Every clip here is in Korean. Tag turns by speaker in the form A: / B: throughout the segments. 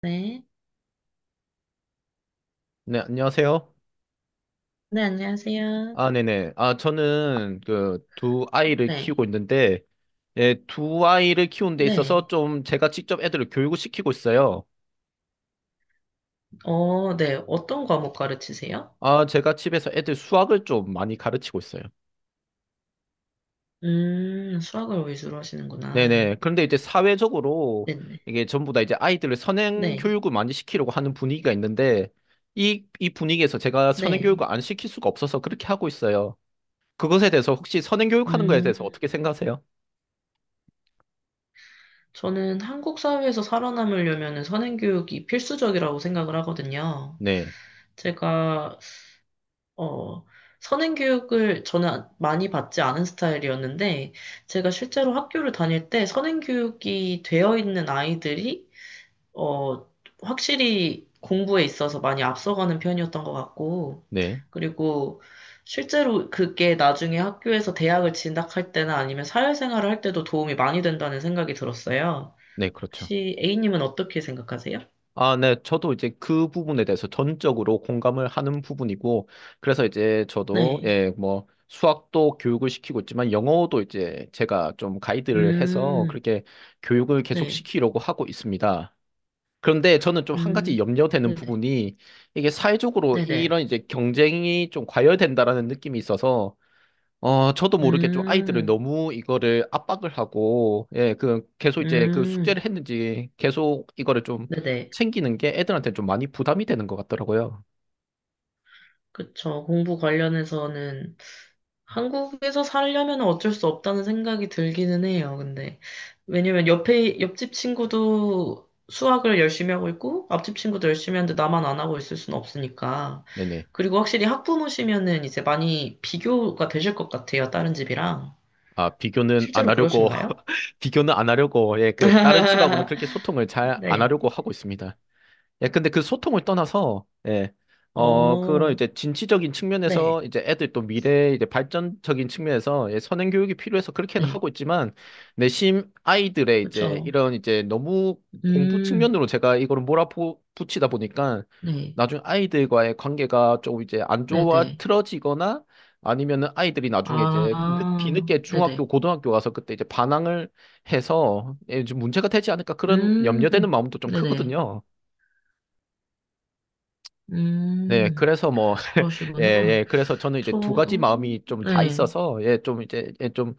A: 네.
B: 네, 안녕하세요.
A: 네, 안녕하세요.
B: 아, 네네. 아, 저는 그 두 아이를
A: 네.
B: 키우고 있는데, 예, 두 아이를 키우는 데 있어서
A: 네.
B: 좀 제가 직접 애들을 교육을 시키고 있어요.
A: 어, 네. 어떤 과목 가르치세요?
B: 아, 제가 집에서 애들 수학을 좀 많이 가르치고 있어요.
A: 수학을 위주로 하시는구나.
B: 네네. 그런데 이제 사회적으로
A: 네네.
B: 이게 전부 다 이제 아이들을 선행
A: 네.
B: 교육을 많이 시키려고 하는 분위기가 있는데, 이 분위기에서 제가 선행 교육을
A: 네.
B: 안 시킬 수가 없어서 그렇게 하고 있어요. 그것에 대해서 혹시 선행 교육하는 거에 대해서
A: 음.
B: 어떻게 생각하세요?
A: 저는 한국 사회에서 살아남으려면 선행교육이 필수적이라고 생각을 하거든요.
B: 네,
A: 제가, 어, 선행교육을 저는 많이 받지 않은 스타일이었는데, 제가 실제로 학교를 다닐 때 선행교육이 되어 있는 아이들이 어, 확실히 공부에 있어서 많이 앞서가는 편이었던 것 같고,
B: 네,
A: 그리고 실제로 그게 나중에 학교에서 대학을 진학할 때나 아니면 사회생활을 할 때도 도움이 많이 된다는 생각이 들었어요.
B: 네, 그렇죠.
A: 혹시 A님은 어떻게 생각하세요?
B: 아, 네. 저도 이제 그 부분에 대해서 전적으로 공감을 하는 부분이고, 그래서 이제 저도,
A: 네.
B: 예, 뭐, 수학도 교육을 시키고 있지만, 영어도 이제 제가 좀 가이드를 해서
A: 음.
B: 그렇게 교육을 계속
A: 네.
B: 시키려고 하고 있습니다. 그런데 저는 좀 한
A: 음.
B: 가지 염려되는
A: 네네.
B: 부분이, 이게 사회적으로
A: 네네.
B: 이런 이제 경쟁이 좀 과열된다라는 느낌이 있어서, 저도 모르게 좀 아이들을
A: 음.
B: 너무 이거를 압박을 하고, 예, 그, 계속 이제 그
A: 음.
B: 숙제를 했는지 계속 이거를 좀
A: 네네.
B: 챙기는 게 애들한테 좀 많이 부담이 되는 것 같더라고요.
A: 그쵸. 공부 관련해서는 한국에서 살려면 어쩔 수 없다는 생각이 들기는 해요, 근데. 왜냐면 옆집 친구도 수학을 열심히 하고 있고, 앞집 친구도 열심히 하는데 나만 안 하고 있을 수는 없으니까.
B: 네네.
A: 그리고 확실히 학부모시면은 이제 많이 비교가 되실 것 같아요, 다른 집이랑.
B: 아, 비교는 안
A: 실제로
B: 하려고,
A: 그러신가요?
B: 비교는 안 하려고, 예, 그, 다른 집하고는 그렇게 소통을 잘 안
A: 네.
B: 하려고 하고 있습니다. 예, 근데 그 소통을 떠나서, 예, 그런
A: 어,
B: 이제 진취적인
A: 네.
B: 측면에서 이제 애들 또 미래 이제 발전적인 측면에서 예, 선행 교육이 필요해서 그렇게는
A: 네.
B: 하고 있지만, 내심 아이들의 이제
A: 그쵸.
B: 이런 이제 너무 공부
A: 음.
B: 측면으로 제가 이거를 몰아붙이다 보니까
A: 네.
B: 나중에 아이들과의 관계가 좀 이제 안 좋아
A: 네네.
B: 틀어지거나 아니면은 아이들이 나중에 이제
A: 아,
B: 뒤늦게 중학교,
A: 네네.
B: 고등학교 가서 그때 이제 반항을 해서 예, 좀 문제가 되지 않을까 그런
A: 음.
B: 염려되는 마음도 좀
A: 네네.
B: 크거든요. 네,
A: 음.
B: 그래서 뭐, 예,
A: 그러시구나.
B: 예, 그래서 저는 이제
A: 저,
B: 두 가지 마음이 좀 다
A: 네,
B: 있어서, 예, 좀 이제, 예, 좀,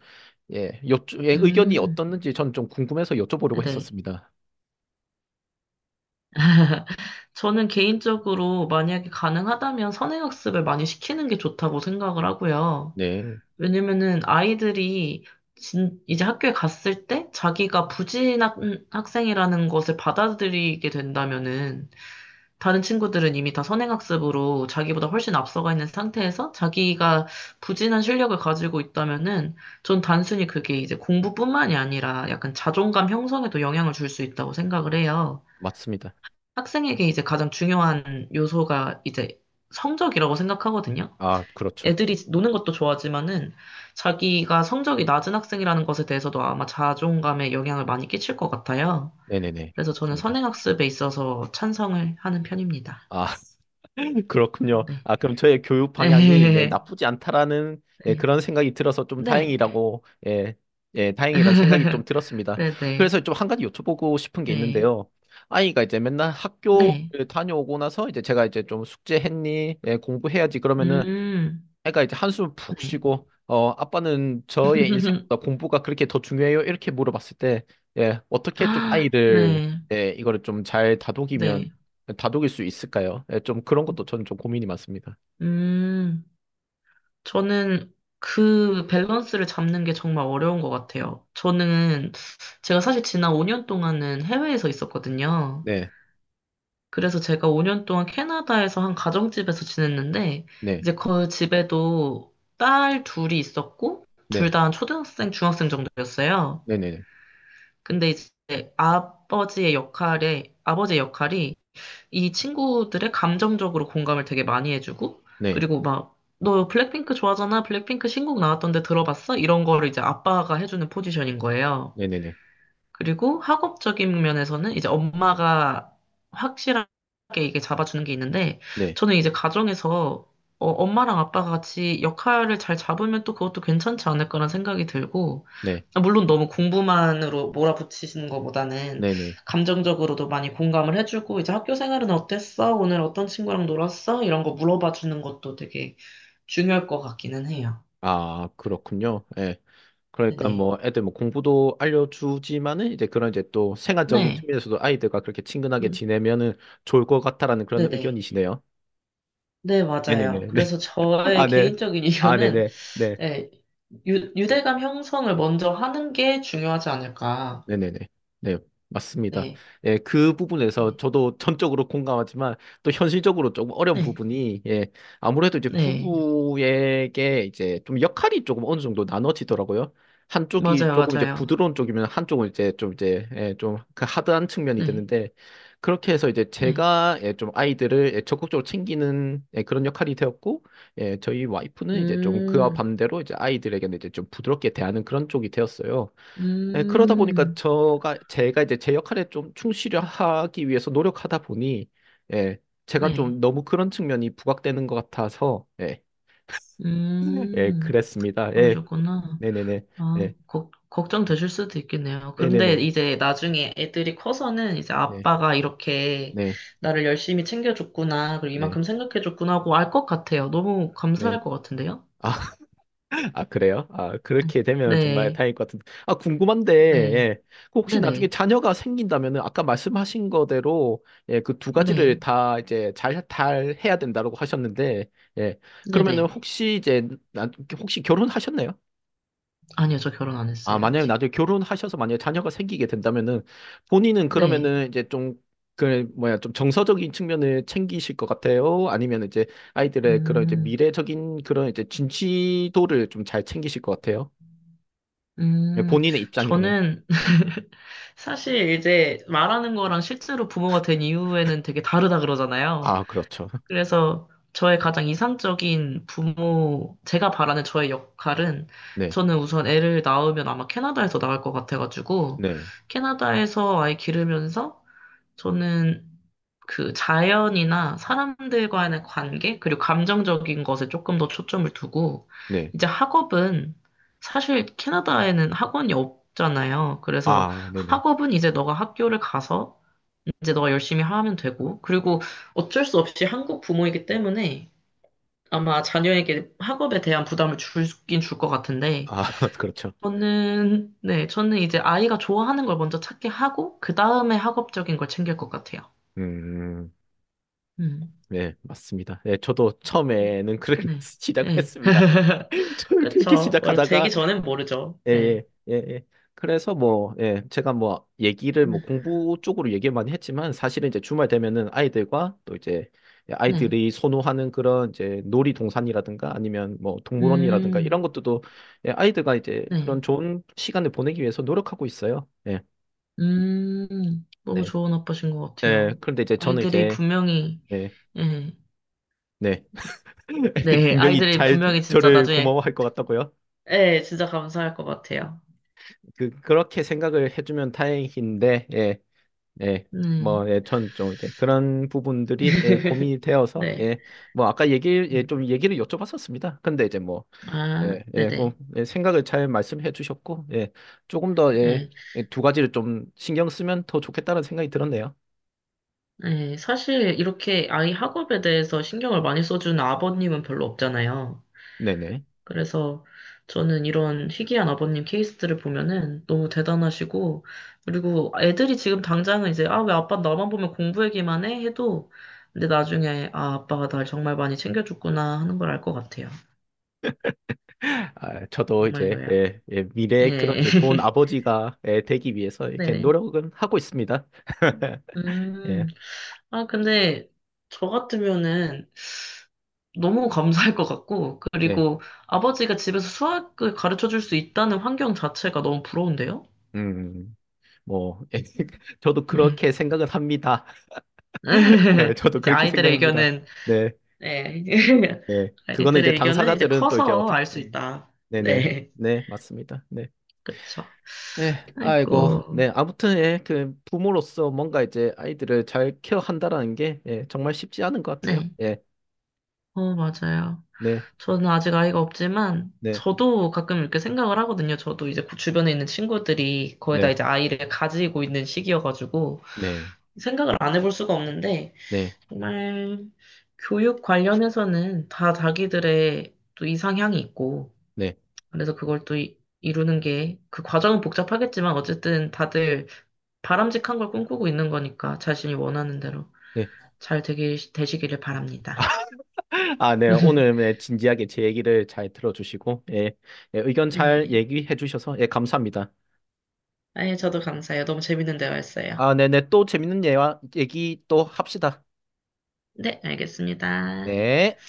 B: 예, 요, 예, 의견이
A: 음,
B: 어떻는지 저는 좀 궁금해서 여쭤보려고
A: 네.
B: 했었습니다.
A: 저는 개인적으로 만약에 가능하다면 선행학습을 많이 시키는 게 좋다고 생각을 하고요.
B: 네,
A: 왜냐면은 아이들이 이제 학교에 갔을 때 자기가 부진한 학생이라는 것을 받아들이게 된다면은 다른 친구들은 이미 다 선행학습으로 자기보다 훨씬 앞서가 있는 상태에서 자기가 부진한 실력을 가지고 있다면은 전 단순히 그게 이제 공부뿐만이 아니라 약간 자존감 형성에도 영향을 줄 수 있다고 생각을 해요.
B: 맞습니다.
A: 학생에게 이제 가장 중요한 요소가 이제 성적이라고 생각하거든요.
B: 아, 그렇죠.
A: 애들이 노는 것도 좋아하지만은 자기가 성적이 낮은 학생이라는 것에 대해서도 아마 자존감에 영향을 많이 끼칠 것 같아요.
B: 네네네,
A: 그래서 저는
B: 맞습니다.
A: 선행학습에 있어서 찬성을 하는 편입니다.
B: 아, 그렇군요.
A: 네.
B: 아, 그럼 저의 교육 방향이 네,
A: 네.
B: 나쁘지 않다라는 예,
A: 네.
B: 그런 생각이 들어서 좀
A: 네.
B: 다행이라고 예, 예, 다행이라는 생각이 좀 들었습니다.
A: 네네.
B: 그래서 좀 한 가지 여쭤보고 싶은 게
A: 네.
B: 있는데요. 아이가 이제 맨날
A: 네.
B: 학교를 다녀오고 나서 이제 제가 이제 좀 숙제했니? 예, 공부해야지. 그러면은
A: 음.
B: 애가 이제 한숨 푹
A: 네.
B: 쉬고 어 아빠는 저의 인생보다 공부가 그렇게 더 중요해요? 이렇게 물어봤을 때 예, 어떻게 좀
A: 아,
B: 아이들
A: 네.
B: 예, 이거를 좀 잘 다독이면
A: 네.
B: 다독일 수 있을까요? 예, 좀 그런 것도 저는 좀 고민이 많습니다.
A: 음. 저는 그 밸런스를 잡는 게 정말 어려운 것 같아요. 저는 제가 사실 지난 5년 동안은 해외에서 있었거든요.
B: 네,
A: 그래서 제가 5년 동안 캐나다에서 한 가정집에서 지냈는데,
B: 네,
A: 이제 그 집에도 딸 둘이 있었고,
B: 네,
A: 둘 다 초등학생, 중학생 정도였어요.
B: 네, 네,
A: 근데 이제 아버지의 역할이 이 친구들의 감정적으로 공감을 되게 많이 해주고,
B: 네,
A: 그리고 막, 너 블랙핑크 좋아하잖아? 블랙핑크 신곡 나왔던데 들어봤어? 이런 거를 이제 아빠가 해주는 포지션인 거예요.
B: 네, 네, 네,
A: 그리고 학업적인 면에서는 이제 엄마가 확실하게 이게 잡아주는 게 있는데,
B: 네,
A: 저는 이제 가정에서 엄마랑 아빠가 같이 역할을 잘 잡으면 또 그것도 괜찮지 않을까라는 생각이 들고,
B: 네,
A: 물론 너무 공부만으로 몰아붙이시는 것보다는
B: 네, 네.
A: 감정적으로도 많이 공감을 해주고, 이제 학교 생활은 어땠어? 오늘 어떤 친구랑 놀았어? 이런 거 물어봐 주는 것도 되게 중요할 것 같기는 해요.
B: 아, 그렇군요. 예. 그러니까
A: 네.
B: 뭐 애들 뭐 공부도 알려주지만은 이제 그런 이제 또 생활적인
A: 네.
B: 측면에서도 아이들과 그렇게 친근하게
A: 음,
B: 지내면은 좋을 것 같다라는 그런
A: 네네.
B: 의견이시네요.
A: 네, 맞아요.
B: 네네네.
A: 그래서 저의
B: 아, 네.
A: 개인적인
B: 아, 네
A: 이견은
B: 네. 네. 네. 네.
A: 네, 유대감 형성을 먼저 하는 게 중요하지 않을까.
B: 네네네. 네, 맞습니다.
A: 네.
B: 예, 그 부분에서
A: 네.
B: 저도 전적으로 공감하지만 또 현실적으로 조금 어려운
A: 네.
B: 부분이 예, 아무래도 이제
A: 네.
B: 부부에게 이제 좀 역할이 조금 어느 정도 나눠지더라고요. 한쪽이
A: 맞아요,
B: 조금 이제
A: 맞아요.
B: 부드러운 쪽이면 한쪽은 이제 좀 이제 예, 좀그 하드한 측면이
A: 네.
B: 되는데 그렇게 해서 이제
A: 네.
B: 제가 예, 좀 아이들을 예, 적극적으로 챙기는 예, 그런 역할이 되었고 예, 저희 와이프는 이제 좀 그와
A: 음.
B: 반대로 이제 아이들에게는 이제 좀 부드럽게 대하는 그런 쪽이 되었어요. 네, 그러다 보니까
A: 음.
B: 저가 제가 이제 제 역할에 좀 충실하기 위해서 노력하다 보니 예, 제가 좀
A: 네.
B: 너무 그런 측면이 부각되는 것 같아서 예, 예,
A: 음.
B: 그랬습니다. 예,
A: 그러셨구나.
B: 네네네,
A: 아,
B: 네,
A: 걱정되실 수도 있겠네요. 그런데
B: 네네네,
A: 이제 나중에 애들이 커서는 이제
B: 네,
A: 아빠가 이렇게
B: 네,
A: 나를 열심히 챙겨줬구나, 그리고
B: 네,
A: 이만큼 생각해줬구나 하고 알 것 같아요. 너무
B: 네.
A: 감사할 것 같은데요?
B: 아, 아, 그래요? 아, 그렇게 되면 정말
A: 네.
B: 다행일 것 같은데. 아, 궁금한데,
A: 네,
B: 예. 그 혹시 나중에
A: 네,
B: 자녀가 생긴다면은 아까 말씀하신 거대로, 예, 그 두
A: 네네, 네,
B: 가지를 다 이제 잘, 잘 해야 된다고 하셨는데, 예. 그러면은
A: 네네.
B: 혹시 이제, 나, 혹시 결혼하셨나요?
A: 아니요, 저 결혼 안
B: 아,
A: 했어요,
B: 만약에
A: 아직.
B: 나중에 결혼하셔서 만약에 자녀가 생기게 된다면은 본인은
A: 네,
B: 그러면은 이제 좀, 그, 뭐야, 좀 정서적인 측면을 챙기실 것 같아요? 아니면 이제 아이들의 그런 이제
A: 음,
B: 미래적인 그런 이제 진취도를 좀 잘 챙기실 것 같아요? 예,
A: 음,
B: 본인의 입장이라면.
A: 저는 사실 이제 말하는 거랑 실제로 부모가 된 이후에는 되게 다르다 그러잖아요.
B: 아, 그렇죠.
A: 그래서 저의 가장 이상적인 부모, 제가 바라는 저의 역할은
B: 네,
A: 저는 우선 애를 낳으면 아마 캐나다에서 낳을 것 같아가지고
B: 네,
A: 캐나다에서 아이 기르면서 저는 그 자연이나 사람들과의 관계, 그리고 감정적인 것에 조금 더 초점을 두고,
B: 네.
A: 이제 학업은 사실 캐나다에는 학원이 없잖아요. 그래서
B: 아, 네네.
A: 학업은 이제 너가 학교를 가서 이제 너가 열심히 하면 되고. 그리고 어쩔 수 없이 한국 부모이기 때문에 아마 자녀에게 학업에 대한 부담을 줄긴 줄 것 같은데,
B: 아, 그렇죠.
A: 저는, 네, 저는 이제 아이가 좋아하는 걸 먼저 찾게 하고, 그 다음에 학업적인 걸 챙길 것 같아요.
B: 음,
A: 음.
B: 네, 맞습니다. 네, 저도 처음에는 그렇게
A: 네.
B: 시작을
A: 네.
B: 했습니다. 저는 그렇게
A: 그쵸. 원래 되기
B: 시작하다가
A: 전엔 모르죠.
B: 예,
A: 네.
B: 예, 예, 예. 그래서 뭐, 예, 제가 뭐, 얘기를 뭐,
A: 네.
B: 공부 쪽으로 얘기를 많이 했지만, 사실은 이제 주말 되면은 아이들과 또 이제
A: 네.
B: 아이들이 선호하는 그런 이제 놀이동산이라든가 아니면 뭐, 동물원이라든가 이런
A: 음.
B: 것들도 예, 아이들과 이제
A: 네.
B: 그런 좋은 시간을 보내기 위해서 노력하고 있어요. 예,
A: 음. 너무
B: 네.
A: 좋은 아빠신 것
B: 예,
A: 같아요.
B: 그런데 이제 저는
A: 아이들이
B: 이제,
A: 분명히,
B: 네,
A: 예.
B: 네. 애들이
A: 네,
B: 분명히
A: 아이들이
B: 잘
A: 분명히 진짜
B: 저를
A: 나중에,
B: 고마워할 것 같다고요.
A: 네 진짜 감사할 것 같아요.
B: 그, 그렇게 생각을 해주면 다행인데, 예. 예,
A: 음.
B: 뭐, 예, 전 좀 이제 그런 부분들이 예, 고민이 되어서
A: 네.
B: 예, 뭐 아까 얘기 예,
A: 음.
B: 좀 얘기를 여쭤봤었습니다. 근데 이제 뭐
A: 아,
B: 예, 예, 그,
A: 네네.
B: 예, 생각을 잘 말씀해 주셨고 예, 조금 더 예,
A: 네.
B: 예, 두 가지를 좀 신경 쓰면 더 좋겠다는 생각이 들었네요.
A: 네 사실 이렇게 아이 학업에 대해서 신경을 많이 써주는 아버님은 별로 없잖아요.
B: 네네.
A: 그래서 저는 이런 희귀한 아버님 케이스들을 보면은 너무 대단하시고, 그리고 애들이 지금 당장은 이제, 아, 왜 아빠 나만 보면 공부 얘기만 해? 해도, 근데 나중에, 아, 아빠가 날 정말 많이 챙겨줬구나 하는 걸 알 것 같아요.
B: 아, 저도 이제
A: 정말로요.
B: 예, 예, 미래의 그런
A: 네.
B: 이제 좋은 아버지가 예, 되기 위해서 이렇게
A: 네네.
B: 노력은 하고 있습니다.
A: 음.
B: 예,
A: 아, 근데 저 같으면은 너무 감사할 것 같고,
B: 네,
A: 그리고 아버지가 집에서 수학을 가르쳐 줄 수 있다는 환경 자체가 너무 부러운데요?
B: 음, 뭐 예, 저도
A: 네.
B: 그렇게 생각을 합니다. 네, 저도
A: 이제
B: 그렇게
A: 아이들의
B: 생각합니다.
A: 의견은,
B: 네,
A: 네.
B: 예. 그거는 이제
A: 아이들의 의견은 이제
B: 당사자들은 또 이제
A: 커서
B: 어떻게,
A: 알 수
B: 예.
A: 있다.
B: 네네,
A: 네.
B: 네, 맞습니다. 네.
A: 그쵸.
B: 네, 아이고,
A: 아이고.
B: 네, 아무튼, 예, 그, 부모로서 뭔가 이제 아이들을 잘 케어한다라는 게, 예, 정말 쉽지 않은 것 같아요.
A: 네.
B: 예,
A: 어, 맞아요.
B: 네,
A: 저는 아직 아이가 없지만,
B: 네,
A: 저도 가끔 이렇게 생각을 하거든요. 저도 이제 그 주변에 있는 친구들이 거의 다
B: 네,
A: 이제 아이를 가지고 있는 시기여가지고,
B: 네,
A: 생각을 안 해볼 수가 없는데,
B: 네,
A: 정말 교육 관련해서는 다 자기들의 또 이상향이 있고,
B: 네,
A: 그래서 그걸 또 루는 게, 그 과정은 복잡하겠지만, 어쨌든 다들 바람직한 걸 꿈꾸고 있는 거니까, 자신이 원하는 대로
B: 네.
A: 잘 되기, 되시기를 바랍니다.
B: 아, 네, 오늘 네, 진지하게 제 얘기를 잘 들어주시고, 예, 예, 의견 잘
A: 네.
B: 얘기해 주셔서, 예, 감사합니다.
A: 아예 저도 감사해요. 너무 재밌는 대화였어요.
B: 아, 네네, 또 재밌는 예와 얘기 또 합시다.
A: 네, 알겠습니다.
B: 네.